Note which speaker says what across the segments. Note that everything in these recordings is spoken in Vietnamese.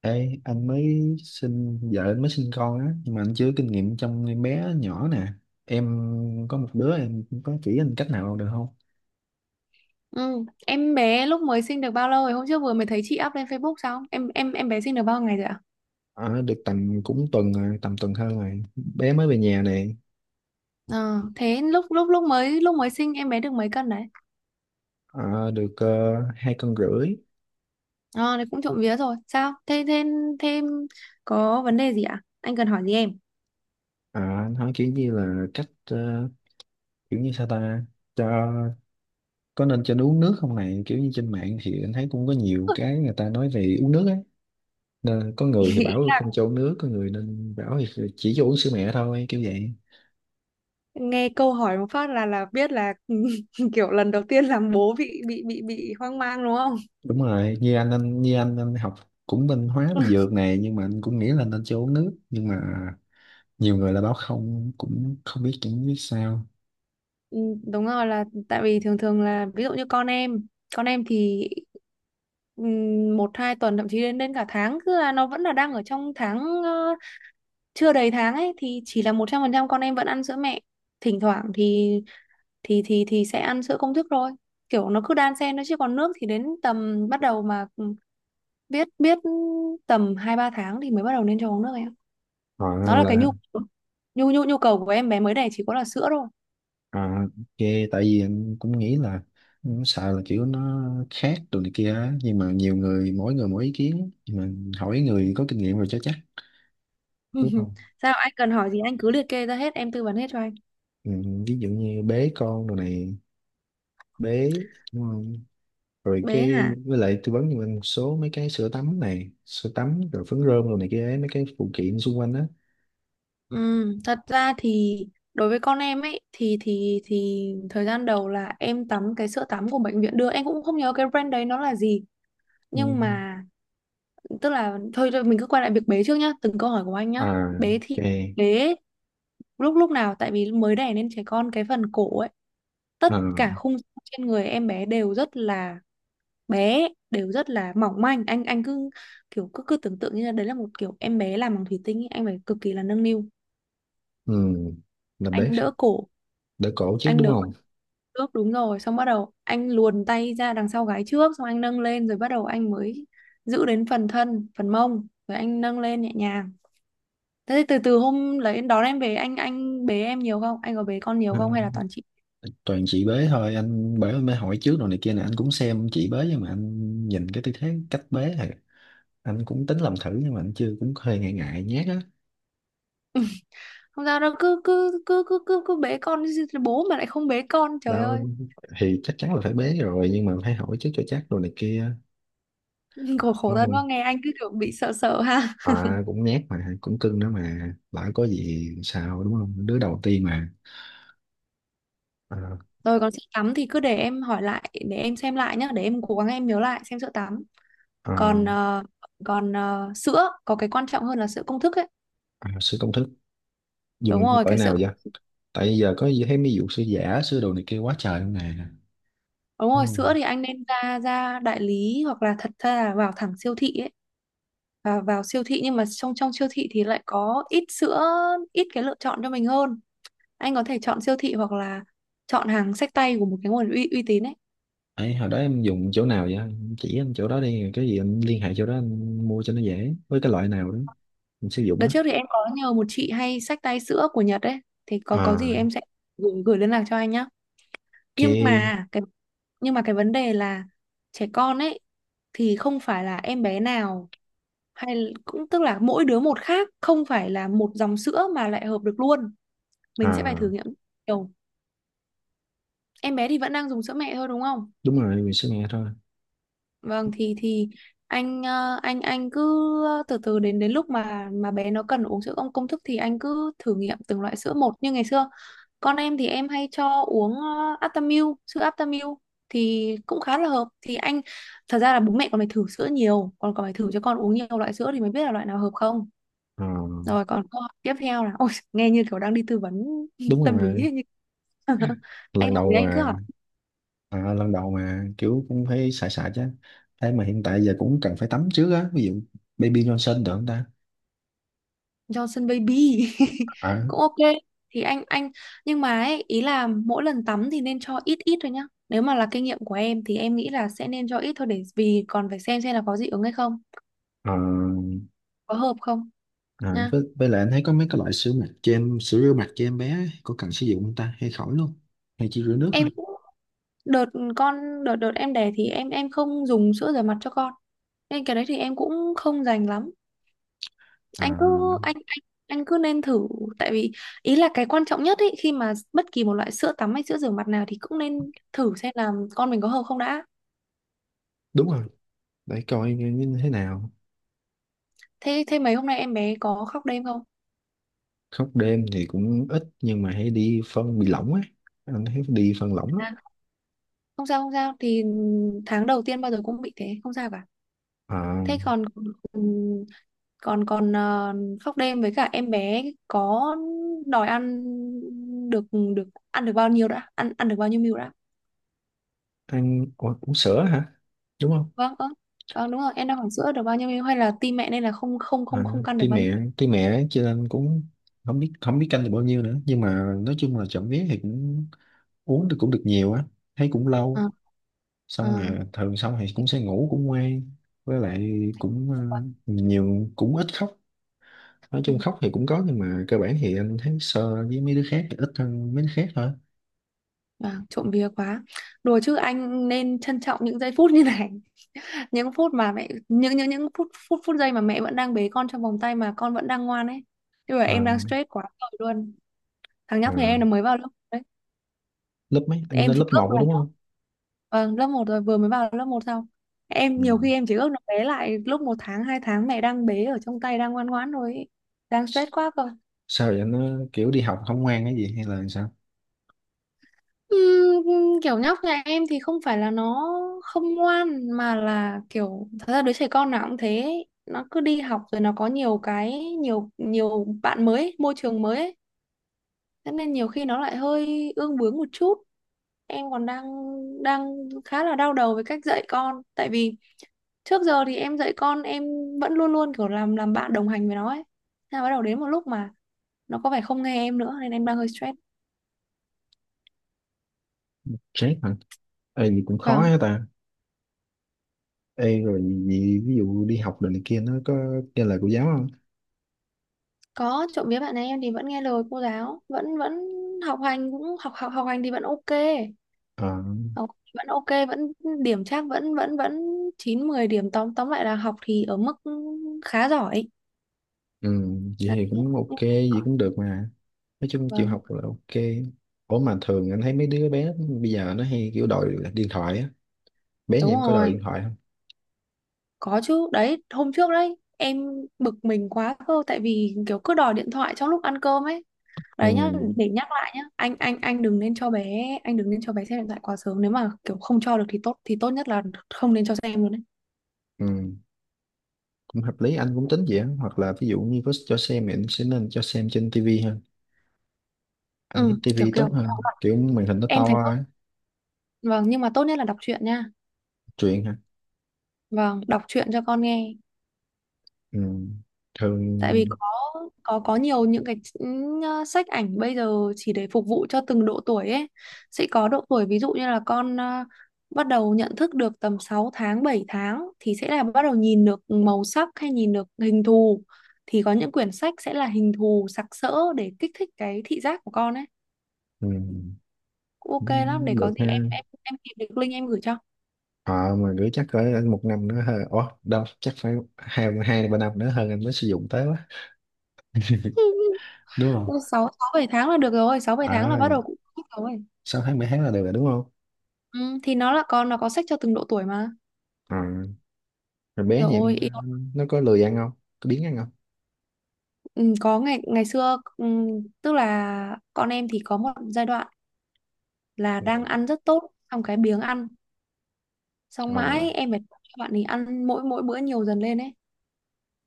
Speaker 1: Ê, anh mới sinh vợ anh mới sinh con á, nhưng mà anh chưa có kinh nghiệm trong em bé nhỏ nè. Em có một đứa em, có chỉ anh cách nào được không?
Speaker 2: Ừ. Em bé lúc mới sinh được bao lâu rồi? Hôm trước vừa mới thấy chị up lên Facebook sao? Em bé sinh được bao ngày rồi ạ?
Speaker 1: Ờ, được tầm cũng tuần rồi, tầm tuần hơn rồi, bé mới về nhà nè.
Speaker 2: Ờ, Thế lúc lúc lúc mới sinh em bé được mấy cân đấy?
Speaker 1: Ờ, được hai cân rưỡi.
Speaker 2: Ờ, Đấy cũng trộm vía rồi. Sao? Thế thêm thêm có vấn đề gì ạ? Anh cần hỏi gì em?
Speaker 1: Ờ, anh hỏi kiểu như là kiểu như sao ta, cho có nên cho nó uống nước không này, kiểu như trên mạng thì anh thấy cũng có nhiều cái người ta nói về uống nước á. Nên có người thì bảo không cho uống nước, có người nên bảo thì chỉ cho uống sữa mẹ thôi kiểu vậy.
Speaker 2: Nghe câu hỏi một phát là biết là kiểu lần đầu tiên làm bố bị hoang mang đúng không?
Speaker 1: Đúng rồi, như anh học cũng bên hóa bên dược này, nhưng mà anh cũng nghĩ là nên cho uống nước, nhưng mà nhiều người là báo không, cũng không biết, chẳng biết sao.
Speaker 2: Ừ, Đúng rồi, là tại vì thường thường là ví dụ như con em thì một hai tuần, thậm chí đến đến cả tháng, cứ là nó vẫn là đang ở trong tháng, ờ, chưa đầy tháng ấy, thì chỉ là một trăm phần trăm con em vẫn ăn sữa mẹ, thỉnh thoảng thì thì sẽ ăn sữa công thức thôi, kiểu nó cứ đan xen nó. Chứ còn nước thì đến tầm bắt đầu mà ừ, biết biết tầm hai ba tháng thì mới bắt đầu nên cho uống nước em.
Speaker 1: Họ
Speaker 2: Nó là cái
Speaker 1: là
Speaker 2: nhu nhu nhu nhu cầu của em bé mới đẻ chỉ có là sữa.
Speaker 1: à, ok, tại vì anh cũng nghĩ là cũng sợ là kiểu nó khác đồ này kia á. Nhưng mà nhiều người mỗi ý kiến, nhưng mà hỏi người có kinh nghiệm rồi cho chắc, đúng không?
Speaker 2: Sao anh cần hỏi gì anh cứ liệt kê ra hết em tư vấn hết cho anh.
Speaker 1: Ừ, ví dụ như bế con đồ này, bế, rồi
Speaker 2: Bé
Speaker 1: cái
Speaker 2: hả?
Speaker 1: với lại tư vấn cho mình một số mấy cái sữa tắm này, sữa tắm rồi phấn rôm rồi này kia ấy, mấy cái phụ kiện xung quanh á.
Speaker 2: Ừ, thật ra thì đối với con em ấy thì thời gian đầu là em tắm cái sữa tắm của bệnh viện đưa, em cũng không nhớ cái brand đấy nó là gì,
Speaker 1: Ừ.
Speaker 2: nhưng mà tức là thôi, mình cứ quay lại việc bé trước nhá, từng câu hỏi của anh nhá.
Speaker 1: À,
Speaker 2: Bé thì
Speaker 1: ok.
Speaker 2: bé lúc lúc nào tại vì mới đẻ nên trẻ con cái phần cổ ấy, tất
Speaker 1: À.
Speaker 2: cả khung xương trên người em bé đều rất là bé, đều rất là mỏng manh. Anh cứ kiểu cứ cứ tưởng tượng như là đấy là một kiểu em bé làm bằng thủy tinh ý. Anh phải cực kỳ là nâng niu.
Speaker 1: Ừ. Là bế
Speaker 2: Anh đỡ cổ,
Speaker 1: đỡ cổ chứ,
Speaker 2: anh
Speaker 1: đúng
Speaker 2: đỡ
Speaker 1: không?
Speaker 2: trước, đúng rồi, xong bắt đầu anh luồn tay ra đằng sau gái trước, xong anh nâng lên, rồi bắt đầu anh mới giữ đến phần thân phần mông rồi anh nâng lên nhẹ nhàng. Thế thì từ từ hôm lấy đón em về anh bế em nhiều không, anh có bế con nhiều
Speaker 1: Ừ,
Speaker 2: không hay là toàn chị?
Speaker 1: toàn chị bế thôi anh, bởi mới hỏi trước rồi này kia nè, anh cũng xem chị bế, nhưng mà anh nhìn cái tư thế cách bế thì anh cũng tính làm thử, nhưng mà anh chưa, cũng hơi ngại ngại nhát á.
Speaker 2: Không sao đâu, cứ cứ cứ cứ cứ cứ bế con, bố mà lại không bế con trời
Speaker 1: Đâu,
Speaker 2: ơi.
Speaker 1: thì chắc chắn là phải bế rồi, nhưng mà phải hỏi trước cho chắc rồi này kia.
Speaker 2: khổ khổ thân
Speaker 1: Ừ.
Speaker 2: quá, nghe anh cứ kiểu bị sợ sợ ha.
Speaker 1: À, cũng nhát mà cũng cưng nữa, mà lỡ có gì sao, đúng không, đứa đầu tiên mà. À.
Speaker 2: Rồi còn sữa tắm thì cứ để em hỏi lại, để em xem lại nhá, để em cố gắng em nhớ lại xem sữa tắm.
Speaker 1: À.
Speaker 2: Còn còn sữa có cái quan trọng hơn là sữa công thức ấy.
Speaker 1: À, sửa công thức
Speaker 2: Đúng
Speaker 1: dùng
Speaker 2: rồi,
Speaker 1: cỡ
Speaker 2: cái sữa,
Speaker 1: nào vậy? Tại giờ có gì thấy mấy vụ sửa giả sửa đồ này kia quá trời luôn nè,
Speaker 2: đúng
Speaker 1: đúng
Speaker 2: rồi, sữa
Speaker 1: không?
Speaker 2: thì anh nên ra ra đại lý, hoặc là thật ra là vào thẳng siêu thị ấy. Và vào siêu thị nhưng mà trong trong siêu thị thì lại có ít sữa, ít cái lựa chọn cho mình hơn. Anh có thể chọn siêu thị hoặc là chọn hàng xách tay của một cái nguồn uy tín ấy.
Speaker 1: Ấy, hồi đó em dùng chỗ nào vậy? Em chỉ anh chỗ đó đi, cái gì em liên hệ chỗ đó anh mua cho nó dễ, với cái loại nào đó mình sử dụng
Speaker 2: Đợt
Speaker 1: đó.
Speaker 2: trước thì em có nhờ một chị hay xách tay sữa của Nhật ấy, thì có gì em
Speaker 1: À.
Speaker 2: sẽ gửi liên lạc cho anh nhá. Nhưng
Speaker 1: Ok.
Speaker 2: mà cái nhưng mà cái vấn đề là trẻ con ấy thì không phải là em bé nào hay cũng, tức là mỗi đứa một khác, không phải là một dòng sữa mà lại hợp được luôn. Mình sẽ phải thử
Speaker 1: À.
Speaker 2: nghiệm nhiều. Em bé thì vẫn đang dùng sữa mẹ thôi đúng không?
Speaker 1: Đúng rồi, mình sẽ nghe thôi.
Speaker 2: Vâng, thì anh anh cứ từ từ, đến đến lúc mà bé nó cần uống sữa công công thức thì anh cứ thử nghiệm từng loại sữa một như ngày xưa. Con em thì em hay cho uống Aptamil, sữa Aptamil thì cũng khá là hợp. Thì anh thật ra là bố mẹ còn phải thử sữa nhiều, còn còn phải thử cho con uống nhiều loại sữa thì mới biết là loại nào hợp không.
Speaker 1: À.
Speaker 2: Rồi còn câu hỏi tiếp theo là, ôi, nghe như kiểu đang đi tư vấn
Speaker 1: Đúng
Speaker 2: tâm lý
Speaker 1: rồi.
Speaker 2: ấy, như anh
Speaker 1: Lần
Speaker 2: hỏi thì
Speaker 1: đầu
Speaker 2: anh cứ hỏi.
Speaker 1: à. À, lần đầu mà kiểu cũng phải xài xài chứ, thế mà hiện tại giờ cũng cần phải tắm trước á, ví dụ Baby Johnson được không ta?
Speaker 2: Johnson Baby
Speaker 1: À.
Speaker 2: cũng ok. Thì anh nhưng mà ấy, ý là mỗi lần tắm thì nên cho ít ít thôi nhá, nếu mà là kinh nghiệm của em thì em nghĩ là sẽ nên cho ít thôi, để vì còn phải xem là có dị ứng hay không,
Speaker 1: À.
Speaker 2: có hợp không
Speaker 1: À,
Speaker 2: nha.
Speaker 1: với lại anh thấy có mấy cái loại sữa rửa mặt cho em bé ấy, có cần sử dụng không ta hay khỏi luôn, hay chỉ rửa nước thôi?
Speaker 2: Em cũng đợt con đợt đợt em đẻ thì em không dùng sữa rửa mặt cho con, nên cái đấy thì em cũng không dành lắm.
Speaker 1: À.
Speaker 2: Anh cứ anh anh anh cứ nên thử, tại vì ý là cái quan trọng nhất ấy, khi mà bất kỳ một loại sữa tắm hay sữa rửa mặt nào thì cũng nên thử xem là con mình có hợp không đã.
Speaker 1: Đúng rồi, để coi như như thế nào.
Speaker 2: Thế thế mấy hôm nay em bé có khóc đêm không?
Speaker 1: Khóc đêm thì cũng ít, nhưng mà hay đi phân bị lỏng á, anh thấy đi phân lỏng á.
Speaker 2: À, không sao thì tháng đầu tiên bao giờ cũng bị thế, không sao cả.
Speaker 1: À,
Speaker 2: Thế còn ừ, còn còn ờ, khóc đêm với cả em bé có đòi ăn được, được ăn được bao nhiêu đã, ăn ăn được bao nhiêu ml đã?
Speaker 1: uống sữa hả, đúng không?
Speaker 2: Vâng, ơ vâng đúng rồi em đang hỏi sữa được bao nhiêu ml hay là tim mẹ, nên là không không không
Speaker 1: À,
Speaker 2: không căn được
Speaker 1: tuy
Speaker 2: bao nhiêu.
Speaker 1: mẹ tuy mẹ cho nên cũng không biết canh được bao nhiêu nữa, nhưng mà nói chung là chậm vía thì cũng uống được, cũng được nhiều á, thấy cũng lâu.
Speaker 2: À,
Speaker 1: Xong
Speaker 2: à,
Speaker 1: rồi thường xong thì
Speaker 2: thế
Speaker 1: cũng sẽ ngủ cũng ngoan. Với lại cũng
Speaker 2: tốt quá.
Speaker 1: nhiều, cũng ít khóc. Nói
Speaker 2: Ừ.
Speaker 1: chung khóc thì cũng có, nhưng mà cơ bản thì anh thấy so với mấy đứa khác thì ít hơn mấy đứa khác thôi.
Speaker 2: Vâng, trộm vía quá. Đùa chứ anh nên trân trọng những giây phút như này, những phút mà mẹ, những phút phút phút giây mà mẹ vẫn đang bế con trong vòng tay mà con vẫn đang ngoan ấy, chứ mà em
Speaker 1: Ờ.
Speaker 2: đang stress quá rồi luôn. Thằng
Speaker 1: Ờ.
Speaker 2: nhóc nhà em nó mới vào lớp.
Speaker 1: Lớp mấy anh,
Speaker 2: Em
Speaker 1: lên
Speaker 2: chỉ
Speaker 1: lớp 1
Speaker 2: ước
Speaker 1: rồi
Speaker 2: là,
Speaker 1: đúng không?
Speaker 2: vâng, lớp một rồi, vừa mới vào lớp một xong. Em
Speaker 1: Ừ.
Speaker 2: nhiều khi em chỉ ước nó bé lại lúc một tháng hai tháng, mẹ đang bế ở trong tay đang ngoan ngoãn rồi ấy. Đang stress
Speaker 1: S-
Speaker 2: quá cơ.
Speaker 1: Sao vậy, nó kiểu đi học không ngoan cái gì hay là sao?
Speaker 2: Kiểu nhóc nhà em thì không phải là nó không ngoan, mà là kiểu thật ra đứa trẻ con nào cũng thế ấy. Nó cứ đi học rồi nó có nhiều cái, nhiều nhiều bạn mới ấy, môi trường mới ấy. Thế nên nhiều khi nó lại hơi ương bướng một chút, em còn đang đang khá là đau đầu với cách dạy con, tại vì trước giờ thì em dạy con em vẫn luôn luôn kiểu làm bạn đồng hành với nó ấy. Thế là bắt đầu đến một lúc mà nó có vẻ không nghe em nữa nên em đang hơi stress.
Speaker 1: Stress hả? Ê, gì cũng khó
Speaker 2: Vâng,
Speaker 1: hết ta. Ê, rồi gì, ví dụ đi học đồ này kia nó có kia lời của giáo không?
Speaker 2: có, trộm vía bạn ấy em thì vẫn nghe lời cô giáo, vẫn vẫn học hành cũng học học học hành thì vẫn ok,
Speaker 1: Ờ.
Speaker 2: học vẫn ok, điểm chắc vẫn vẫn vẫn chín mười điểm, tóm tóm lại là học thì ở mức khá giỏi
Speaker 1: Ừ, vậy
Speaker 2: đấy.
Speaker 1: thì cũng ok, vậy cũng được mà. Nói chung chịu
Speaker 2: Vâng,
Speaker 1: học là ok. Ủa mà thường anh thấy mấy đứa bé bây giờ nó hay kiểu đòi điện thoại á. Bé nhà
Speaker 2: đúng
Speaker 1: em có đòi
Speaker 2: rồi,
Speaker 1: điện thoại không?
Speaker 2: có chứ, đấy hôm trước đấy em bực mình quá cơ, tại vì kiểu cứ đòi điện thoại trong lúc ăn cơm ấy.
Speaker 1: Ừ.
Speaker 2: Đấy nhá, để nhắc lại nhá, anh đừng nên cho bé, anh đừng nên cho bé xem điện thoại quá sớm, nếu mà kiểu không cho được thì tốt, thì tốt nhất là không nên cho xem luôn đấy.
Speaker 1: Ừ, cũng hợp lý, anh cũng tính vậy á. Hoặc là ví dụ như có cho xem thì anh sẽ nên cho xem trên tivi hơn.
Speaker 2: ừ
Speaker 1: Anh nghĩ
Speaker 2: kiểu
Speaker 1: tivi
Speaker 2: kiểu
Speaker 1: tốt hơn, kiểu màn hình nó
Speaker 2: em
Speaker 1: to
Speaker 2: thấy tốt,
Speaker 1: á.
Speaker 2: vâng, nhưng mà tốt nhất là đọc truyện nha,
Speaker 1: Truyền hả?
Speaker 2: vâng, đọc truyện cho con nghe.
Speaker 1: Ừ.
Speaker 2: Tại vì
Speaker 1: Thường.
Speaker 2: có có nhiều những cái sách ảnh bây giờ chỉ để phục vụ cho từng độ tuổi ấy, sẽ có độ tuổi ví dụ như là con bắt đầu nhận thức được tầm 6 tháng 7 tháng thì sẽ là bắt đầu nhìn được màu sắc hay nhìn được hình thù, thì có những quyển sách sẽ là hình thù sặc sỡ để kích thích cái thị giác của con ấy,
Speaker 1: Ừ.
Speaker 2: cũng ok lắm. Để
Speaker 1: Cũng
Speaker 2: có
Speaker 1: được
Speaker 2: gì em
Speaker 1: ha.
Speaker 2: em tìm được link em gửi cho.
Speaker 1: Ờ, mà gửi chắc cỡ một năm nữa hơn. Ủa, đâu chắc phải hai, hai ba năm nữa hơn anh mới sử dụng tới quá, đúng không?
Speaker 2: sáu sáu bảy tháng là được rồi, sáu bảy
Speaker 1: Ờ,
Speaker 2: tháng là bắt đầu cũng thích rồi.
Speaker 1: 6 tháng 7 tháng là được rồi đúng không?
Speaker 2: Ừ, thì nó là con nó có sách cho từng độ tuổi mà.
Speaker 1: Ờ. Rồi bé nhà em
Speaker 2: Rồi yêu.
Speaker 1: nó có lười ăn không, có biếng ăn không?
Speaker 2: Ừ, có, ngày ngày xưa tức là con em thì có một giai đoạn là
Speaker 1: Ừ.
Speaker 2: đang ăn rất tốt xong cái biếng ăn, xong
Speaker 1: Ờ.
Speaker 2: mãi em phải cho bạn ấy ăn mỗi mỗi bữa nhiều dần lên ấy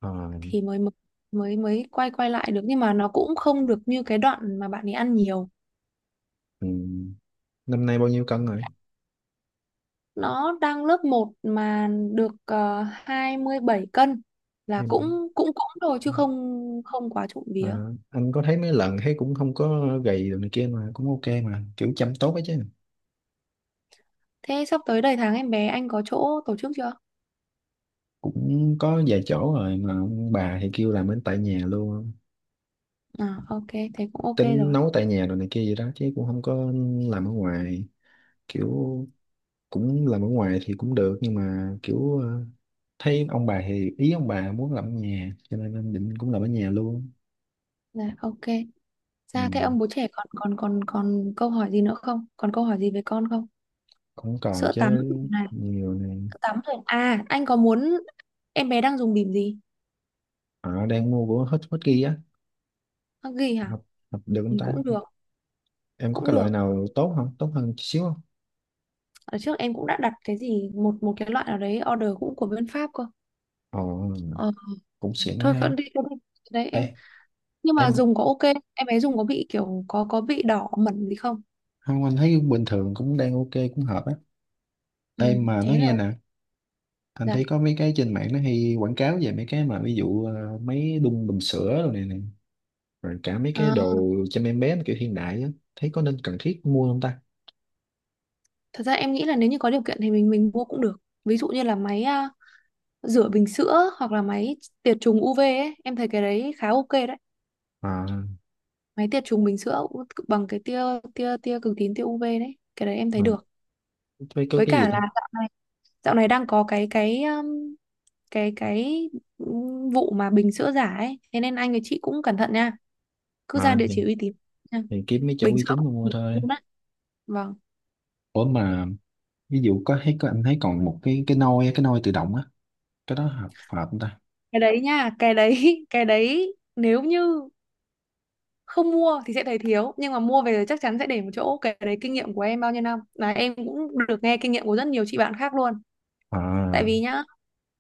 Speaker 1: Ờ.
Speaker 2: thì mới mới quay quay lại được, nhưng mà nó cũng không được như cái đoạn mà bạn ấy ăn nhiều.
Speaker 1: Ừ. Năm nay bao nhiêu cân rồi?
Speaker 2: Nó đang lớp một mà được 27 cân là cũng
Speaker 1: em
Speaker 2: cũng cũng rồi chứ không, không quá trộm
Speaker 1: ờ,
Speaker 2: vía.
Speaker 1: anh có thấy mấy lần thấy cũng không có gầy đồ này kia mà, cũng ok mà, kiểu chăm tốt ấy chứ.
Speaker 2: Thế sắp tới đầy tháng em bé anh có chỗ tổ chức chưa?
Speaker 1: Cũng có vài chỗ rồi mà ông bà thì kêu làm bên tại nhà luôn á.
Speaker 2: À ok, thế cũng ok
Speaker 1: Tính
Speaker 2: rồi.
Speaker 1: nấu tại nhà rồi này kia gì đó, chứ cũng không có làm ở ngoài. Kiểu cũng làm ở ngoài thì cũng được, nhưng mà kiểu ờ, thấy ông bà thì ý ông bà muốn làm ở nhà, cho nên anh định cũng làm ở nhà luôn.
Speaker 2: Dạ ok. Sao thế
Speaker 1: Ừ.
Speaker 2: ông bố trẻ, còn còn còn còn câu hỏi gì nữa không? Còn câu hỏi gì về con không?
Speaker 1: Cũng còn
Speaker 2: Sữa
Speaker 1: chứ,
Speaker 2: tắm này,
Speaker 1: nhiều này.
Speaker 2: sữa tắm rồi. À, anh có muốn, em bé đang dùng bỉm gì?
Speaker 1: Họ đang mua của hết hết kia á.
Speaker 2: Huggies hả?
Speaker 1: Hợp, hợp được không
Speaker 2: Ừ,
Speaker 1: ta?
Speaker 2: cũng được,
Speaker 1: Em có
Speaker 2: cũng
Speaker 1: cái loại
Speaker 2: được.
Speaker 1: nào tốt không, tốt hơn chút xíu không?
Speaker 2: Ở trước em cũng đã đặt cái gì một một cái loại nào đấy order cũng của bên Pháp cơ.
Speaker 1: Ồ,
Speaker 2: Ờ,
Speaker 1: cũng xịn quá
Speaker 2: thôi cứ
Speaker 1: ha.
Speaker 2: đi, cứ đi. Đấy
Speaker 1: Ê.
Speaker 2: em. Nhưng mà
Speaker 1: Em.
Speaker 2: dùng có ok, em bé dùng có bị kiểu có bị đỏ mẩn gì không?
Speaker 1: Không, anh thấy bình thường cũng đang ok, cũng hợp á.
Speaker 2: Ừ,
Speaker 1: Em mà nói
Speaker 2: thế là
Speaker 1: nghe
Speaker 2: ok.
Speaker 1: nè, anh
Speaker 2: Dạ.
Speaker 1: thấy có mấy cái trên mạng nó hay quảng cáo về mấy cái mà ví dụ mấy đun bình sữa rồi này, này, rồi cả mấy cái
Speaker 2: Ờ,
Speaker 1: đồ chăm em bé mà kiểu hiện đại á, thấy có nên cần thiết mua không ta?
Speaker 2: thật ra em nghĩ là nếu như có điều kiện thì mình mua cũng được. Ví dụ như là máy à, rửa bình sữa, hoặc là máy tiệt trùng UV ấy, em thấy cái đấy khá ok đấy.
Speaker 1: À.
Speaker 2: Máy tiệt trùng bình sữa cũng bằng cái tia tia tia cực tím, tia UV đấy, cái đấy em thấy
Speaker 1: À,
Speaker 2: được.
Speaker 1: thấy có
Speaker 2: Với
Speaker 1: cái
Speaker 2: cả
Speaker 1: gì ta.
Speaker 2: là dạo này đang có cái cái cái vụ mà bình sữa giả ấy, thế nên anh với chị cũng cẩn thận nha, cứ ra
Speaker 1: À,
Speaker 2: địa
Speaker 1: thì,
Speaker 2: chỉ uy tín nha.
Speaker 1: thì kiếm mấy chỗ
Speaker 2: Bình
Speaker 1: uy
Speaker 2: sữa
Speaker 1: tín
Speaker 2: cũng
Speaker 1: mà mua
Speaker 2: được
Speaker 1: thôi.
Speaker 2: luôn á. Vâng,
Speaker 1: Ủa mà ví dụ có thấy có anh thấy còn một cái nôi á, cái nôi tự động á, cái đó hợp hợp không ta?
Speaker 2: cái đấy nha, cái đấy cái đấy nếu như không mua thì sẽ thấy thiếu, nhưng mà mua về chắc chắn sẽ để một chỗ. Cái đấy kinh nghiệm của em bao nhiêu năm, là em cũng được nghe kinh nghiệm của rất nhiều chị bạn khác luôn. Tại
Speaker 1: À.
Speaker 2: vì nhá,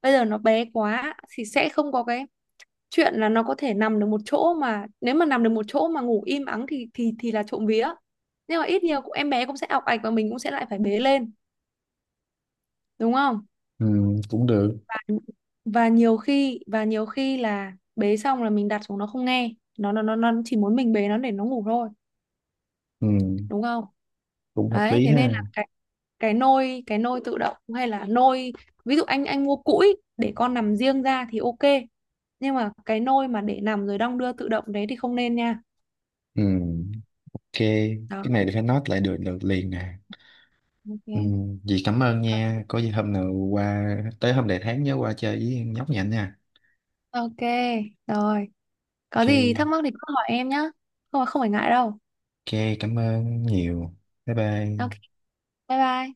Speaker 2: bây giờ nó bé quá thì sẽ không có cái chuyện là nó có thể nằm được một chỗ, mà nếu mà nằm được một chỗ mà ngủ im ắng thì thì là trộm vía, nhưng mà ít nhiều cũng em bé cũng sẽ ọc ạch và mình cũng sẽ lại phải bế lên, đúng không.
Speaker 1: Ừ, cũng được.
Speaker 2: Và nhiều khi là bế xong là mình đặt xuống nó không nghe, nó nó chỉ muốn mình bế nó để nó ngủ thôi,
Speaker 1: Ừ,
Speaker 2: đúng không.
Speaker 1: cũng hợp
Speaker 2: Đấy
Speaker 1: lý
Speaker 2: thế nên
Speaker 1: ha.
Speaker 2: là cái nôi tự động, hay là nôi, ví dụ anh mua cũi để con nằm riêng ra thì ok, nhưng mà cái nôi mà để nằm rồi đong đưa tự động đấy thì không nên nha.
Speaker 1: Ừ, ok.
Speaker 2: Đó,
Speaker 1: Cái này thì phải note lại, được được liền nè. Ừ,
Speaker 2: ok,
Speaker 1: dì cảm ơn nha. Có gì hôm nào qua tới hôm đại tháng nhớ qua chơi với nhóc nhạnh nha.
Speaker 2: ok rồi. Có gì thắc
Speaker 1: Ok.
Speaker 2: mắc thì cứ hỏi em nhá, không, không phải ngại đâu.
Speaker 1: Ok, cảm ơn nhiều. Bye bye.
Speaker 2: Ok, bye bye.